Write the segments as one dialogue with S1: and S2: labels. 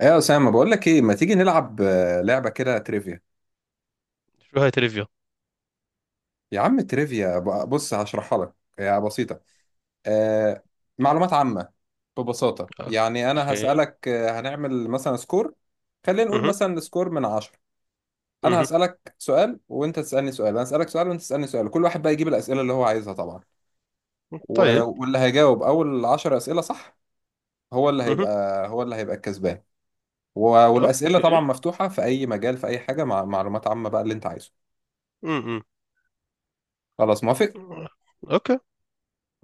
S1: ايه يا اسامه، بقول لك ايه، ما تيجي نلعب لعبه كده تريفيا؟
S2: شو هاي تريفيا.
S1: يا عم تريفيا، بص هشرحها لك، هي بسيطه. آه. معلومات عامه. ببساطه يعني انا
S2: اوكي.
S1: هسالك، هنعمل مثلا سكور. خلينا نقول
S2: اها.
S1: مثلا سكور من عشرة. انا
S2: اها.
S1: هسالك سؤال وانت تسالني سؤال انا هسالك سؤال وانت تسالني سؤال، كل واحد بقى يجيب الاسئله اللي هو عايزها طبعا.
S2: طيب.
S1: واللي هيجاوب اول 10 اسئله صح هو اللي
S2: اها.
S1: هيبقى هو اللي هيبقى الكسبان. والاسئله طبعا
S2: اوكي.
S1: مفتوحه في اي مجال، في اي حاجه، مع معلومات عامه بقى اللي انت عايزه.
S2: اها.
S1: خلاص، موافق؟
S2: اوكي.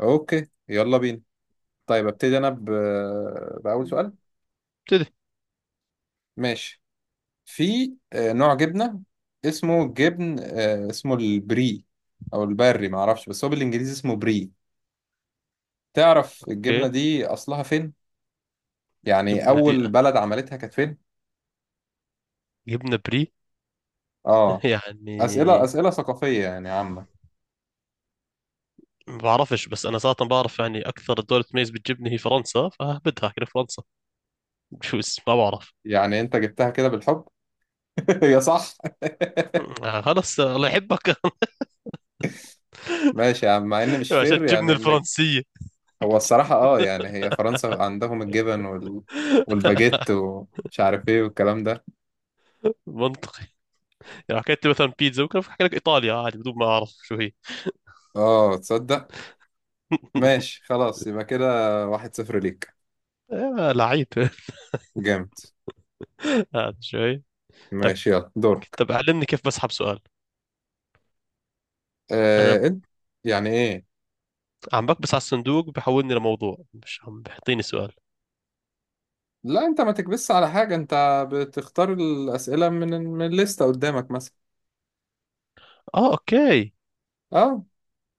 S1: اوكي، يلا بينا. طيب ابتدي انا باول سؤال.
S2: ابتدي.
S1: ماشي. في نوع جبنه، اسمه جبن، اسمه البري، او البري ما اعرفش، بس هو بالانجليزي اسمه بري. تعرف الجبنه
S2: اوكي.
S1: دي اصلها فين؟ يعني
S2: جبنة دي
S1: اول بلد عملتها كانت فين؟
S2: جبنة بري.
S1: اه، اسئله
S2: يعني
S1: اسئله ثقافيه يعني عامه.
S2: ما بعرفش، بس انا صراحة بعرف يعني اكثر دولة تميز بالجبنة هي فرنسا، فهبدها كده فرنسا، بجوز ما بعرف.
S1: يعني انت جبتها كده بالحب. يا صح.
S2: خلص الله يحبك.
S1: ماشي يا عم، مع ان مش
S2: عشان
S1: فير
S2: الجبنة
S1: يعني انك،
S2: الفرنسية.
S1: هو الصراحة اه يعني هي فرنسا عندهم الجبن والباجيت ومش عارف ايه والكلام ده.
S2: منطقي، يعني حكيت لي مثلا بيتزا ممكن احكي لك ايطاليا عادي بدون ما اعرف شو هي.
S1: اه، تصدق. ماشي، خلاص يبقى كده. واحد صفر ليك.
S2: يا لعيب.
S1: جامد.
S2: هذا شوي. طيب،
S1: ماشي، يلا دورك.
S2: طب علمني كيف بسحب سؤال. انا
S1: آه، انت. يعني ايه؟
S2: عم بكبس على الصندوق بحولني لموضوع، مش عم بحطيني سؤال.
S1: لا، انت ما تكبسش على حاجة، انت بتختار الأسئلة من الليستة قدامك مثلا.
S2: اه اوكي.
S1: اه.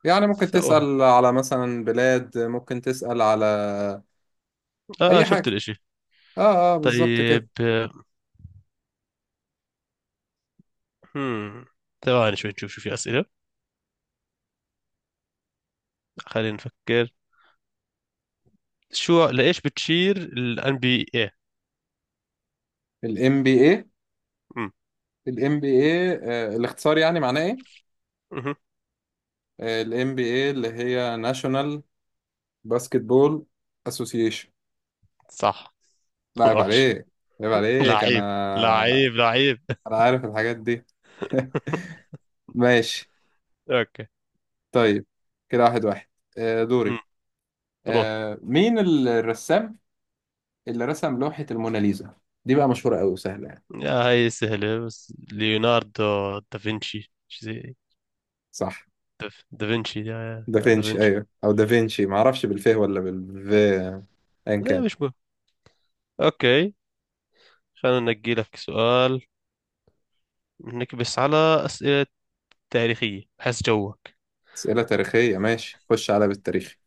S1: يعني ممكن
S2: سوا.
S1: تسأل على مثلا بلاد، ممكن تسأل على
S2: اه
S1: أي
S2: شفت
S1: حاجة.
S2: الاشي.
S1: اه، اه، بالظبط
S2: طيب.
S1: كده.
S2: هم، ثواني شوي نشوف شو في اسئله. خلينا نفكر. شو لايش بتشير الان بي اي.
S1: ال MBA ال MBA الاختصار يعني معناه إيه؟ ال NBA، اللي هي ناشونال، باسكتبول، اسوسيشن.
S2: صح.
S1: لا، عيب
S2: وحش.
S1: عليك. عيب عليك
S2: لعيب،
S1: انا،
S2: لعيب، لعيب.
S1: انا عارف الحاجات دي. ماشي.
S2: اوكي.
S1: طيب كده واحد واحد. دوري.
S2: امم. روح.
S1: مين الرسام اللي رسم لوحة الموناليزا؟ دي بقى مشهورة قوي وسهلة يعني.
S2: يا هاي سهلة، بس ليوناردو دافنشي شو زي.
S1: صح،
S2: دافنشي، يا
S1: دافنشي
S2: دافنشي.
S1: ايوه، او دافنشي، ما اعرفش بالف ولا بالف ان
S2: لا
S1: كان.
S2: مش مهم. اوكي. خلينا ننجي لك سؤال. نكبس على أسئلة تاريخية، حس جوك.
S1: اسئلة تاريخية، ماشي، خش على بالتاريخ.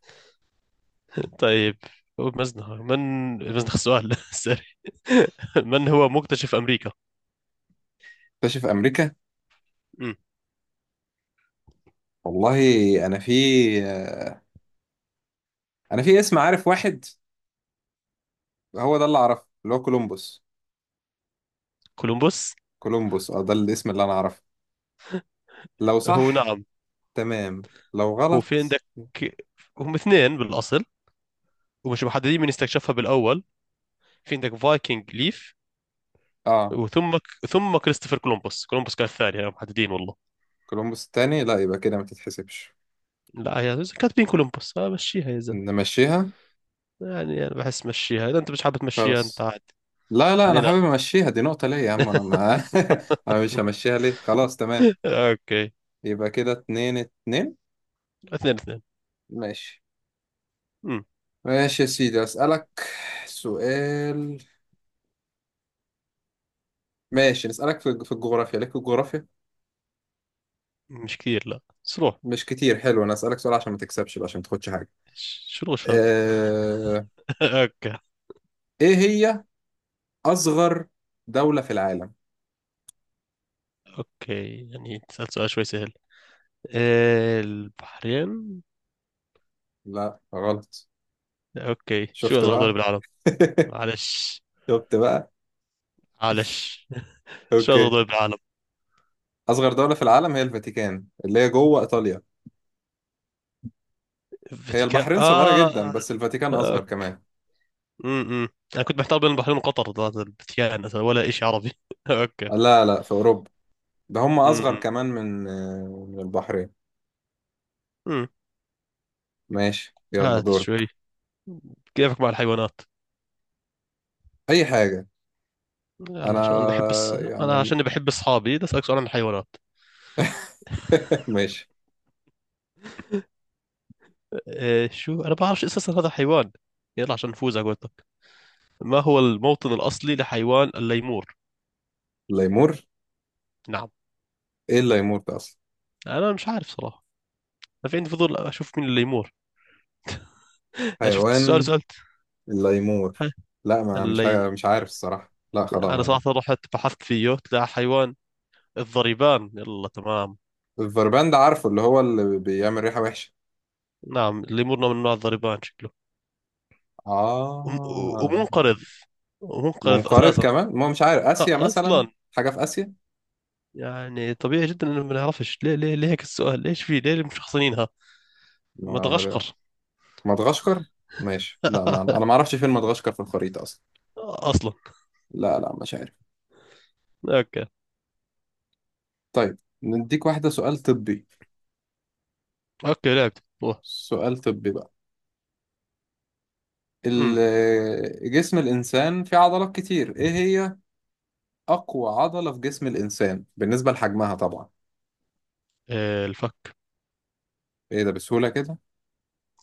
S2: طيب، هو مزنخ من، مزنخ السؤال. سوري. من هو مكتشف أمريكا؟
S1: اكتشف امريكا؟
S2: مم.
S1: والله، انا في، آه، انا في اسم عارف واحد، هو ده اللي اعرفه، اللي هو كولومبوس.
S2: كولومبوس.
S1: كولومبوس، اه، ده الاسم اللي انا اعرفه، لو
S2: هو
S1: صح.
S2: نعم،
S1: تمام. لو
S2: هو في
S1: غلط.
S2: عندك هم اثنين بالأصل، ومش محددين من استكشفها بالأول. في عندك فايكنج ليف،
S1: اه،
S2: وثم كريستوفر كولومبوس. كولومبوس كان الثاني، يعني محددين والله.
S1: كولومبوس التاني؟ لا، يبقى كده ما تتحسبش.
S2: لا يا زلمة، كاتبين كولومبوس، مشيها يا زلمة.
S1: نمشيها؟
S2: يعني أنا بحس مشيها، إذا أنت مش حابب تمشيها أنت
S1: خلاص.
S2: عاد.
S1: لا، لا، انا
S2: اثنين.
S1: حابب امشيها، دي نقطة ليا يا عم، انا ما... انا مش همشيها ليه، خلاص تمام.
S2: اوكي.
S1: يبقى كده اتنين اتنين.
S2: 2-2.
S1: ماشي.
S2: امم.
S1: ماشي يا سيدي، اسألك سؤال. ماشي، نسألك في الجغرافيا، ليك في الجغرافيا؟
S2: مش كثير، لا صروح.
S1: مش كتير، حلو، انا اسألك سؤال عشان ما تكسبش بقى، عشان ما تاخدش حاجة.
S2: شو الغش هذا؟
S1: أه...
S2: اوكي.
S1: ايه هي أصغر دولة في العالم؟
S2: اوكي يعني سألت سؤال شوي سهل. البحرين.
S1: لا، غلط.
S2: اوكي شو
S1: شفت
S2: اصغر دولة
S1: بقى.
S2: بالعالم؟ معلش.
S1: شفت بقى.
S2: معلش. شو اصغر
S1: أوكي.
S2: دولة بالعالم؟
S1: أصغر دولة في العالم هي الفاتيكان، اللي هي جوه إيطاليا. هي
S2: الفاتيكان
S1: البحرين صغيرة جدا،
S2: اه.
S1: بس الفاتيكان أصغر
S2: أوكي.
S1: كمان.
S2: امم، انا كنت محتار بين البحرين وقطر، هذا الفاتيكان أصلاً ولا شيء عربي. اوكي.
S1: لا، لا، في أوروبا. ده هم أصغر
S2: امم.
S1: كمان من البحرين.
S2: امم.
S1: ماشي، يلا
S2: هات
S1: دورك.
S2: شوي. كيفك مع الحيوانات؟
S1: أي حاجة.
S2: يلا
S1: أنا
S2: عشان انا بحب الس... انا
S1: يعني.
S2: عشان بحب اصحابي، بدي اسالك سؤال عن الحيوانات.
S1: ماشي.
S2: إيه شو، أنا بعرفش أساسا هذا حيوان. يلا عشان نفوز على قولتك. ما هو الموطن الأصلي لحيوان الليمور؟
S1: الليمور؟
S2: نعم.
S1: إيه الليمور ده أصلا؟
S2: أنا مش عارف صراحة. أنا في عندي فضول أشوف مين الليمور. أنا شفت السؤال
S1: حيوان؟
S2: سألت.
S1: الليمور،
S2: ها،
S1: لا، ما
S2: اللي،
S1: مش عارف الصراحة، لا خلاص
S2: أنا
S1: ما.
S2: صراحة رحت بحثت فيه طلع حيوان الضريبان، يلا تمام.
S1: الفربان ده عارفه، اللي هو اللي بيعمل ريحة وحشة.
S2: نعم الليمور من نوع الضريبان شكله، وم-
S1: آه.
S2: ومنقرض، ومنقرض
S1: منقرض
S2: أساسا.
S1: كمان، ما هو مش عارف، آسيا مثلا؟
S2: أصلا،
S1: حاجة في آسيا؟
S2: يعني طبيعي جدا إنه ما نعرفش. ليه هيك السؤال؟ ليش في ليه مشخصنينها؟
S1: ما أعمل
S2: مدغشقر.
S1: إيه؟ مدغشقر. ماشي، لا ما أنا ما أعرفش فين مدغشقر في الخريطة أصلا.
S2: اصلا.
S1: لا، لا، مش عارف.
S2: اوكي.
S1: طيب، نديك واحدة، سؤال طبي.
S2: اوكي لعبت أوه.
S1: سؤال طبي بقى.
S2: امم.
S1: جسم الإنسان فيه عضلات كتير، إيه هي أقوى عضلة في جسم الإنسان بالنسبة لحجمها طبعا؟
S2: إيه، الفك.
S1: إيه ده، بسهولة كده؟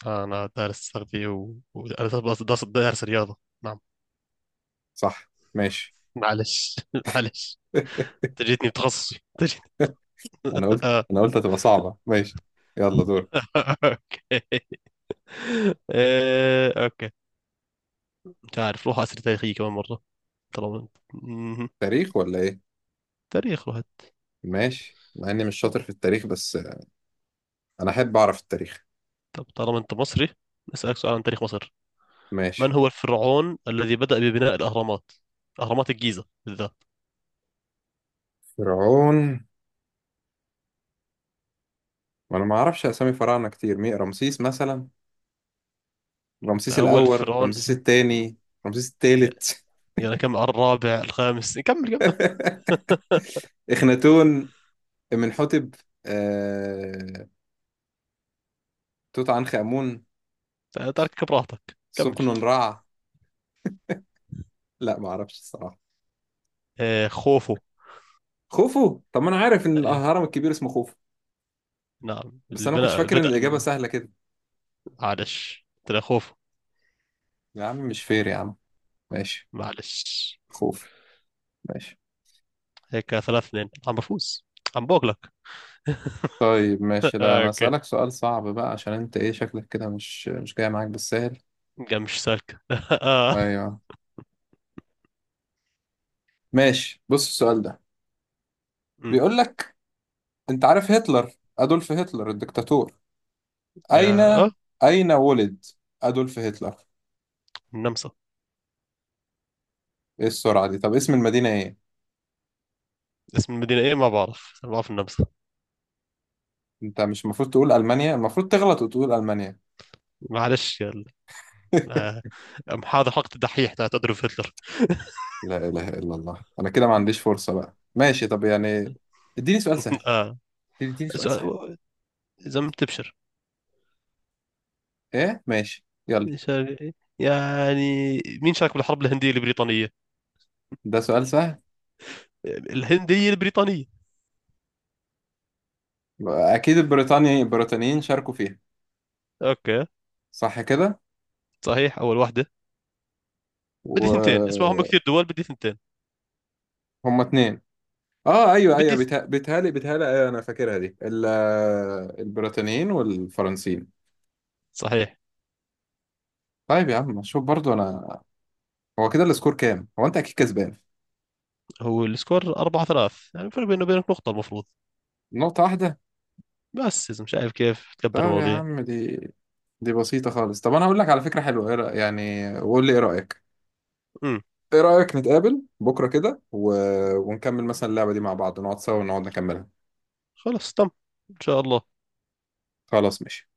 S2: انا دارس تغذية دارس، دارس رياضة. نعم.
S1: صح، ماشي.
S2: معلش. معلش، تجيتني بتخصصي تجيت.
S1: أنا قلت
S2: آه.
S1: أنا قلت هتبقى صعبة، ماشي. يلا دور.
S2: اوكي. إيه اوكي. مش عارف، روح اسئلة تاريخية كمان مرة. طالما انت مهم.
S1: تاريخ ولا ايه؟
S2: تاريخ روح.
S1: ماشي، مع اني مش شاطر في التاريخ، بس انا احب اعرف التاريخ.
S2: طب طالما انت مصري، نسألك سؤال عن تاريخ مصر. من
S1: ماشي.
S2: هو الفرعون الذي بدأ ببناء الأهرامات، أهرامات الجيزة بالذات؟
S1: فرعون؟ وانا ما اعرفش اسامي فراعنه كتير، مين، رمسيس مثلا،
S2: أنت
S1: رمسيس
S2: أول
S1: الاول،
S2: فرعون.
S1: رمسيس الثاني، رمسيس الثالث.
S2: يلا كمل، على الرابع الخامس، كمل كمل.
S1: اخناتون، amenhotep، آه... توت عنخ امون،
S2: ترك براحتك، كمل.
S1: سقنن رع. لا ما اعرفش الصراحه.
S2: آه، خوفو.
S1: خوفو؟ طب ما انا عارف ان
S2: آه
S1: الهرم الكبير اسمه خوفو،
S2: نعم،
S1: بس
S2: اللي
S1: انا ما كنتش فاكر ان
S2: بدأ
S1: الاجابه سهله كده.
S2: معلش طلع خوفو.
S1: يا عم مش فير يا عم. ماشي.
S2: معلش.
S1: خوف. ماشي.
S2: هيك 3-2 عم بفوز. عم بوغلك.
S1: طيب، ماشي، لا انا
S2: اوكي،
S1: اسالك سؤال صعب بقى، عشان انت ايه، شكلك كده مش جاي معاك بالسهل.
S2: قام مش سالكة. اه.
S1: ايوه. ماشي، بص السؤال ده
S2: أمم.
S1: بيقول لك، انت عارف هتلر، ادولف هتلر الدكتاتور، اين،
S2: آه، آه.
S1: اين ولد ادولف هتلر؟
S2: النمسا.
S1: ايه السرعه دي، طب اسم المدينه ايه؟
S2: اسم المدينة ايه؟ ما بعرف ما بعرف، النمسا.
S1: انت مش المفروض تقول المانيا؟ المفروض تغلط وتقول المانيا.
S2: معلش يلا. آه. أم هذا حلقة الدحيح تاعت أدولف هتلر.
S1: لا اله الا الله، انا كده ما عنديش فرصه بقى، ماشي، طب يعني اديني سؤال سهل.
S2: آه.
S1: اديني سؤال
S2: إذا،
S1: سهل.
S2: إذا ما بتبشر
S1: ايه ماشي يلا.
S2: شرقي يعني. مين شارك بالحرب الهندية البريطانية؟
S1: ده سؤال سهل.
S2: الهندية البريطانية.
S1: اكيد البريطانيين شاركوا فيها،
S2: اوكي.
S1: صح كده؟
S2: صحيح اول واحدة. بدي ثنتين، اسمهم
S1: وهم
S2: كثير دول، بدي ثنتين.
S1: اتنين. اه، ايوه، ايوه،
S2: بدي ث-
S1: بيتهيألي ايوه، انا فاكرها دي البريطانيين والفرنسيين.
S2: صحيح.
S1: طيب يا عم، شوف برضو انا، هو كده السكور كام؟ هو انت اكيد كسبان.
S2: هو السكور 4-3، يعني الفرق بينه وبينك نقطة المفروض.
S1: نقطة واحدة.
S2: بس إذا مش عارف كيف تكبر
S1: طيب يا
S2: المواضيع.
S1: عم، دي بسيطة خالص، طب انا هقول لك على فكرة حلوة، إيه يعني وقول لي ايه رأيك.
S2: امم.
S1: ايه رأيك نتقابل بكرة كده ونكمل مثلا اللعبة دي مع بعض، نقعد سوا ونقعد نكملها.
S2: خلص تم، إن شاء الله.
S1: خلاص، ماشي.